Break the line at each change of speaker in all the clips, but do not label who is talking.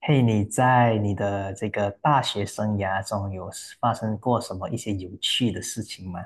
嘿，你在你的这个大学生涯中有发生过什么一些有趣的事情吗？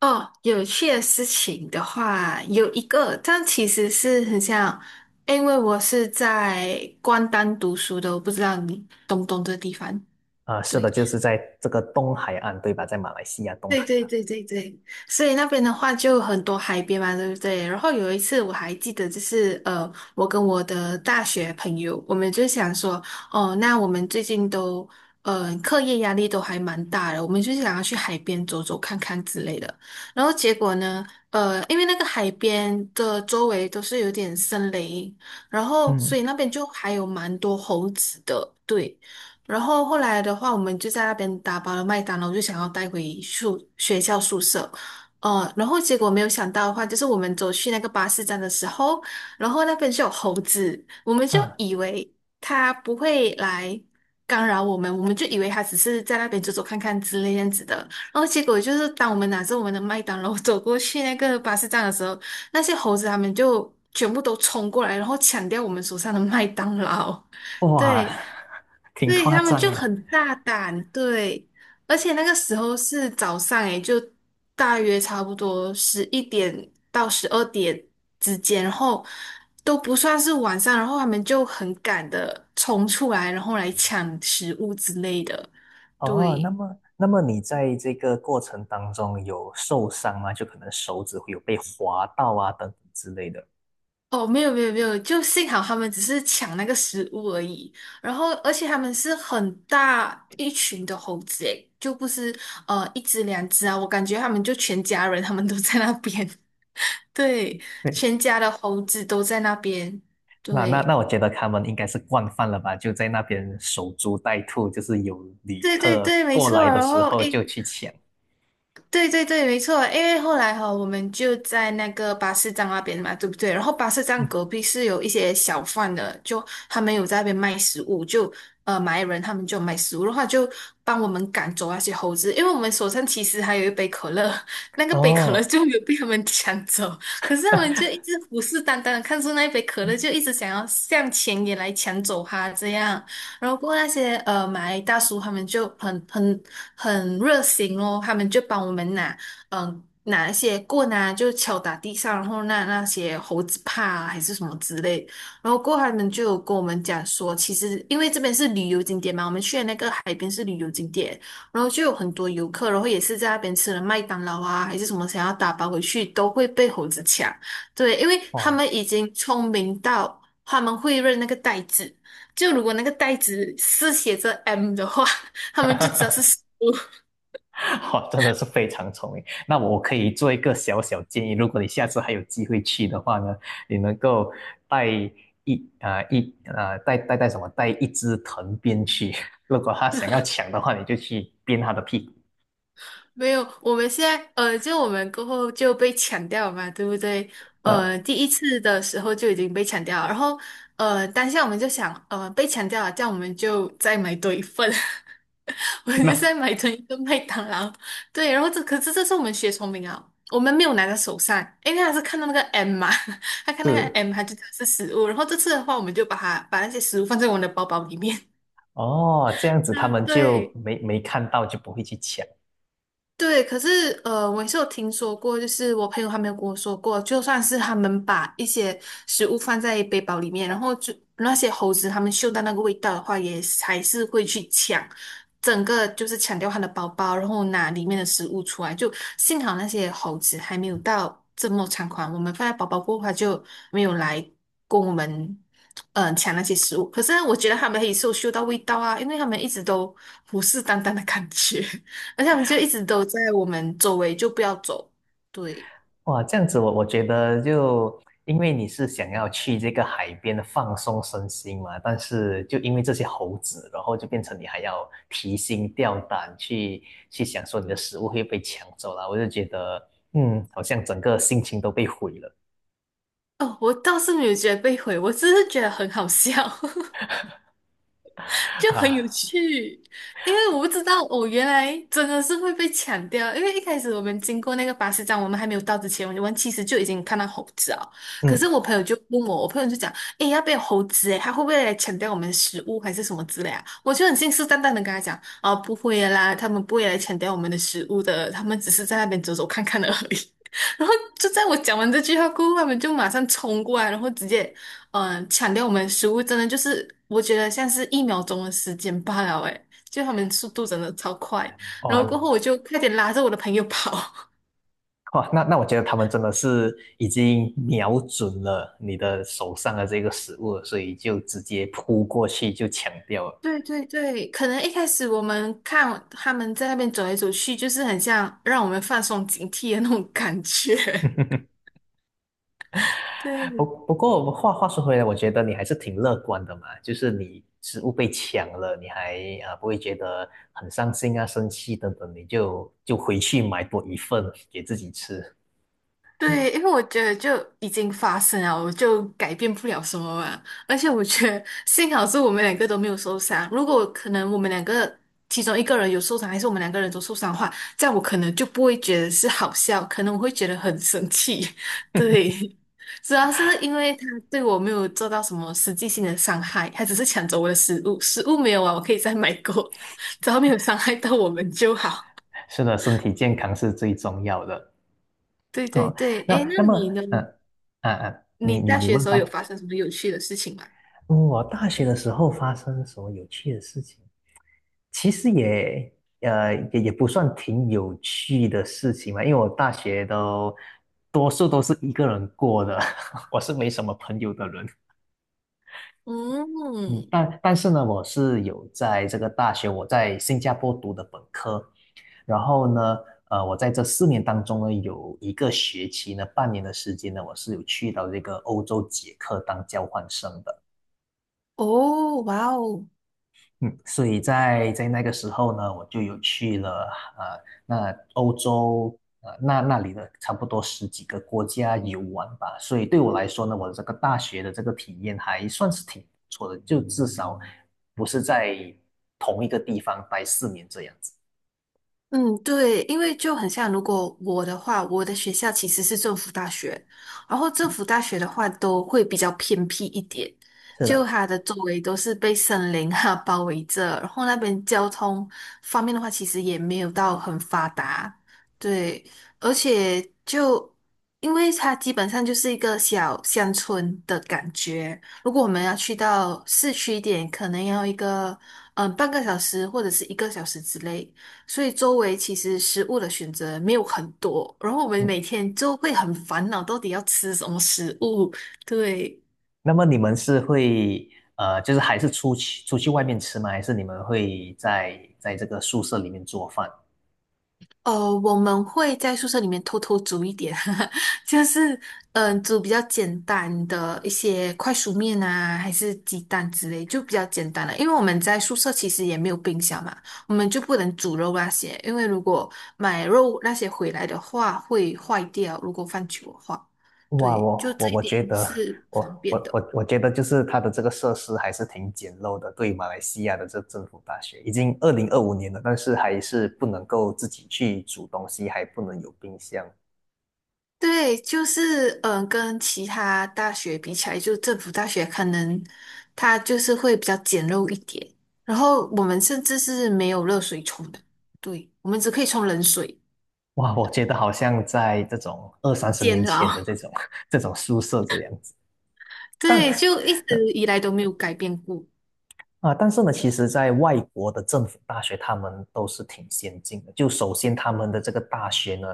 哦，有趣的事情的话，有一个，但其实是很像，因为我是在关丹读书的，我不知道你懂不懂这个地方。
啊，是
对。
的，就是在这个东海岸，对吧？在马来西亚东
对
海
对
岸。
对对对，所以那边的话就很多海边嘛，对不对？然后有一次我还记得，就是我跟我的大学朋友，我们就想说，哦，那我们最近都课业压力都还蛮大的，我们就想要去海边走走看看之类的。然后结果呢，因为那个海边的周围都是有点森林，然后所
嗯，
以那边就还有蛮多猴子的，对。然后后来的话，我们就在那边打包了麦当劳，就想要带回学校宿舍。然后结果没有想到的话，就是我们走去那个巴士站的时候，然后那边就有猴子，我们就
啊，
以为它不会来干扰我们，我们就以为它只是在那边走走看看之类这样子的。然后结果就是，当我们拿着我们的麦当劳走过去那个巴士站的时候，那些猴子他们就全部都冲过来，然后抢掉我们手上的麦当劳。
哇，
对，
挺
对
夸
他们
张
就
的。
很大胆，对，而且那个时候是早上，诶，就大约差不多11点到12点之间，然后都不算是晚上，然后他们就很赶的冲出来，然后来抢食物之类的，
哦，那
对。
么，那么你在这个过程当中有受伤吗？就可能手指会有被划到啊，等等之类的。
哦，没有没有没有，就幸好他们只是抢那个食物而已。然后，而且他们是很大一群的猴子，诶，就不是一只两只啊。我感觉他们就全家人，他们都在那边。对，
对，
全家的猴子都在那边。
那那
对，
那，我觉得他们应该是惯犯了吧？就在那边守株待兔，就是有旅
对对
客
对，没
过来
错。
的
然
时
后，
候就
诶，
去抢。
对对对，没错，因为后来我们就在那个巴士站那边嘛，对不对？然后巴士 站
嗯
隔壁是有一些小贩的，就他们有在那边卖食物，就马来人他们就卖食物的话，就帮我们赶走那些猴子，因为我们手上其实还有一杯可乐，那个杯可乐
哦
就没有被他们 抢走，可是他们就一直虎视眈眈的看着那一杯可乐，就一直想要向前也来抢走它这样。然后过后那些马来大叔他们就很热心哦，他们就帮我们嗯、呃拿一些棍啊，就敲打地上，然后那些猴子怕啊还是什么之类，然后过后他们就有跟我们讲说，其实因为这边是旅游景点嘛，我们去的那个海边是旅游景点，然后就有很多游客，然后也是在那边吃了麦当劳啊还是什么，想要打包回去都会被猴子抢，对，因为他
哦，
们已经聪明到他们会认那个袋子。就如果那个袋子是写着 M 的话，他们就知道是食 物。
哦，真的是非常聪明。那我可以做一个小小建议，如果你下次还有机会去的话呢，你能够带一啊、呃一啊、呃带带带什么带一只藤鞭去，如果他想要抢的话，你就去鞭他的屁股。
没有，我们现在就我们过后就被抢掉了嘛，对不对？呃，
呃，
第一次的时候就已经被抢掉了，然后当下我们就想，呃，被抢掉了，这样我们就再买多一份，我们就
那
再买成一个麦当劳。对，然后这是我们学聪明啊，我们没有拿在手上，因为他是看到那个 M 嘛，他看那个
是
M，他就知道是食物。然后这次的话，我们就把它把那些食物放在我们的包包里面。
哦，这样子他们就
对
没看到，就不会去抢。
对，可是我也是有听说过，就是我朋友还没有跟我说过，就算是他们把一些食物放在背包里面，然后就那些猴子他们嗅到那个味道的话，也是还是会去抢，整个就是抢掉他的包包，然后拿里面的食物出来。就幸好那些猴子还没有到这么猖狂，我们放在包包过后，它就没有来跟我们。抢那些食物，可是我觉得他们也是有嗅到味道啊，因为他们一直都虎视眈眈的感觉。而且他们就一直都在我们周围，就不要走。对，
哇，这样子我觉得就因为你是想要去这个海边放松身心嘛，但是就因为这些猴子，然后就变成你还要提心吊胆去想说你的食物会被抢走了，我就觉得好像整个心情都被毁了
哦，我倒是没有觉得被毁，我只是觉得很好笑。就很
啊，
有趣，因为我不知道我原来真的是会被抢掉，因为一开始我们经过那个巴士站，我们还没有到之前，我们其实就已经看到猴子了。可是
嗯，
我朋友就问我，我朋友就讲，诶，要不要猴子？诶，他会不会来抢掉我们食物还是什么之类啊？我就很信誓旦旦的跟他讲，啊，不会的啦，他们不会来抢掉我们的食物的，他们只是在那边走走看看而已。然后就在我讲完这句话过后，他们就马上冲过来，然后直接。嗯，抢掉我们食物真的就是，我觉得像是一秒钟的时间罢了，诶，就他们速度真的超快，然后过
哇
后我就快点拉着我的朋友跑。
哇，那我觉得他们真的是已经瞄准了你的手上的这个食物了，所以就直接扑过去就抢掉了。
对对对，可能一开始我们看他们在那边走来走去，就是很像让我们放松警惕的那种感觉。对，
不过我们话说回来，我觉得你还是挺乐观的嘛，就是你食物被抢了，你还不会觉得很伤心啊、生气等等，你就回去买多一份给自己吃。
对，因为我觉得就已经发生了，我就改变不了什么嘛。而且我觉得幸好是我们两个都没有受伤。如果可能我们两个其中一个人有受伤，还是我们两个人都受伤的话，这样我可能就不会觉得是好笑，可能我会觉得很生气。对，主要是因为他对我没有做到什么实际性的伤害，他只是抢走我的食物，食物没有啊，我可以再买过，只要没有伤害到我们就好。
是的，身体健康是最重要的。
对对
哦，
对，诶，
那那
那
么，
你呢？
嗯、
你
你你
大
你
学的
问
时候
吧。
有发生什么有趣的事情吗？
嗯我大学的时候发生什么有趣的事情？其实也不算挺有趣的事情嘛，因为我大学多数都是一个人过的，我是没什么朋友的人。嗯，
嗯，
但是呢，我是有在这个大学，我在新加坡读的本科，然后呢，我在这四年当中呢，有一个学期呢，半年的时间呢，我是有去到这个欧洲捷克当交换生的。
哦，哇哦，
嗯，所以在那个时候呢，我就有去了欧洲那里的差不多十几个国家游玩吧。所以对我来说呢，我的这个大学的这个体验还算是挺不错的，就至少不是在同一个地方待四年这样子。
嗯，对，因为就很像，如果我的话，我的学校其实是政府大学，然后政府大学的话都会比较偏僻一点，
是
就
的，
它的周围都是被森林包围着，然后那边交通方面的话，其实也没有到很发达，对，而且就因为它基本上就是一个小乡村的感觉，如果我们要去到市区一点，可能要一个半个小时或者是一个小时之类。所以周围其实食物的选择没有很多，然后我们每
嗯。
天就会很烦恼，到底要吃什么食物？对，
那么你们是会就是还是出去外面吃吗？还是你们会在这个宿舍里面做饭？
呃，我们会在宿舍里面偷偷煮一点，就是煮比较简单的一些快熟面啊，还是鸡蛋之类，就比较简单了。因为我们在宿舍其实也没有冰箱嘛，我们就不能煮肉那些，因为如果买肉那些回来的话会坏掉，如果放久的话，
哇，
对，就
我我
这一
我
点
觉得，
是
我
方便
我
的。
我我觉得就是它的这个设施还是挺简陋的，对于马来西亚的这政府大学，已经2025年了，但是还是不能够自己去煮东西，还不能有冰箱。
对，就是跟其他大学比起来，就政府大学可能它就是会比较简陋一点。然后我们甚至是没有热水冲的，对，我们只可以冲冷水，
哇，我觉得好像在这种二三十
煎
年前的这
熬。
种 这种宿舍这样子。但
对，就一直以来都没有改变过。
但是呢，其实，在外国的政府大学，他们都是挺先进的。就首先，他们的这个大学呢，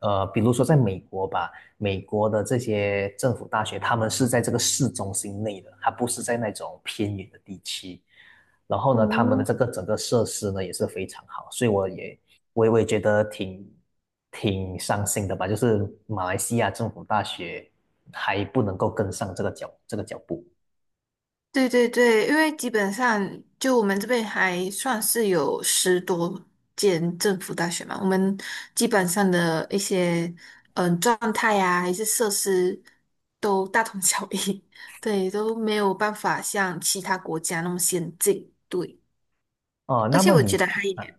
比如说在美国吧，美国的这些政府大学，他们是在这个市中心内的，它不是在那种偏远的地区。然后呢，他们的
嗯。
这个整个设施呢也是非常好，所以我也觉得挺伤心的吧，就是马来西亚政府大学还不能够跟上这个脚步。
对对对，因为基本上就我们这边还算是有10多间政府大学嘛，我们基本上的一些状态呀、还是设施都大同小异，对，都没有办法像其他国家那么先进，对。
哦，
而
那
且
么
我
你
觉得还有一
啊
点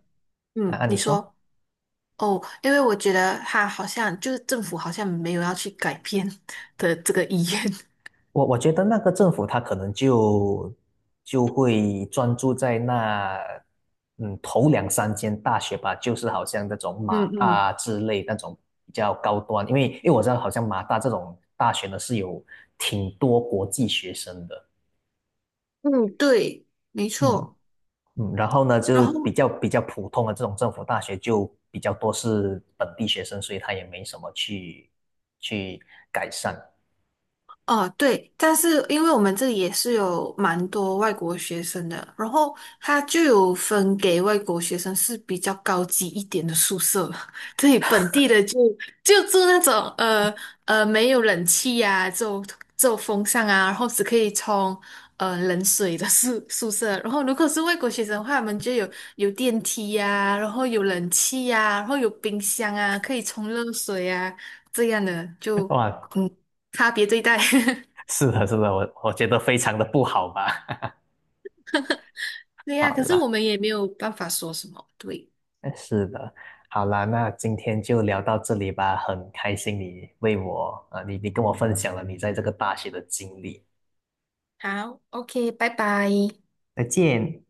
你
你说。
说哦，因为我觉得他好像就是政府好像没有要去改变 的这个意愿，
我觉得那个政府他可能就会专注在那头两三间大学吧，就是好像那种
嗯
马
嗯
大之类那种比较高端，因为我知道好像马大这种大学呢是有挺多国际学生的，
嗯，对，没
嗯，
错。
嗯，然后呢
然
就
后。
比较普通的这种政府大学就比较多是本地学生，所以他也没什么去改善。
哦，对，但是因为我们这里也是有蛮多外国学生的，然后他就有分给外国学生是比较高级一点的宿舍，对，本地的就住那种没有冷气呀、只有风扇啊，然后只可以冲冷水的宿舍，然后如果是外国学生的话，我们就有电梯呀、然后有冷气呀、然后有冰箱啊，可以冲热水啊，这样的就
哇，
嗯。差别对待。
是的，是的，我觉得非常的不好吧。
对呀，
好
可是
啦，
我们也没有办法说什么。对，
是的，好啦，那今天就聊到这里吧。很开心你为我，啊，你跟我分享了你在这个大学的经历。
好，OK，拜拜。
再见。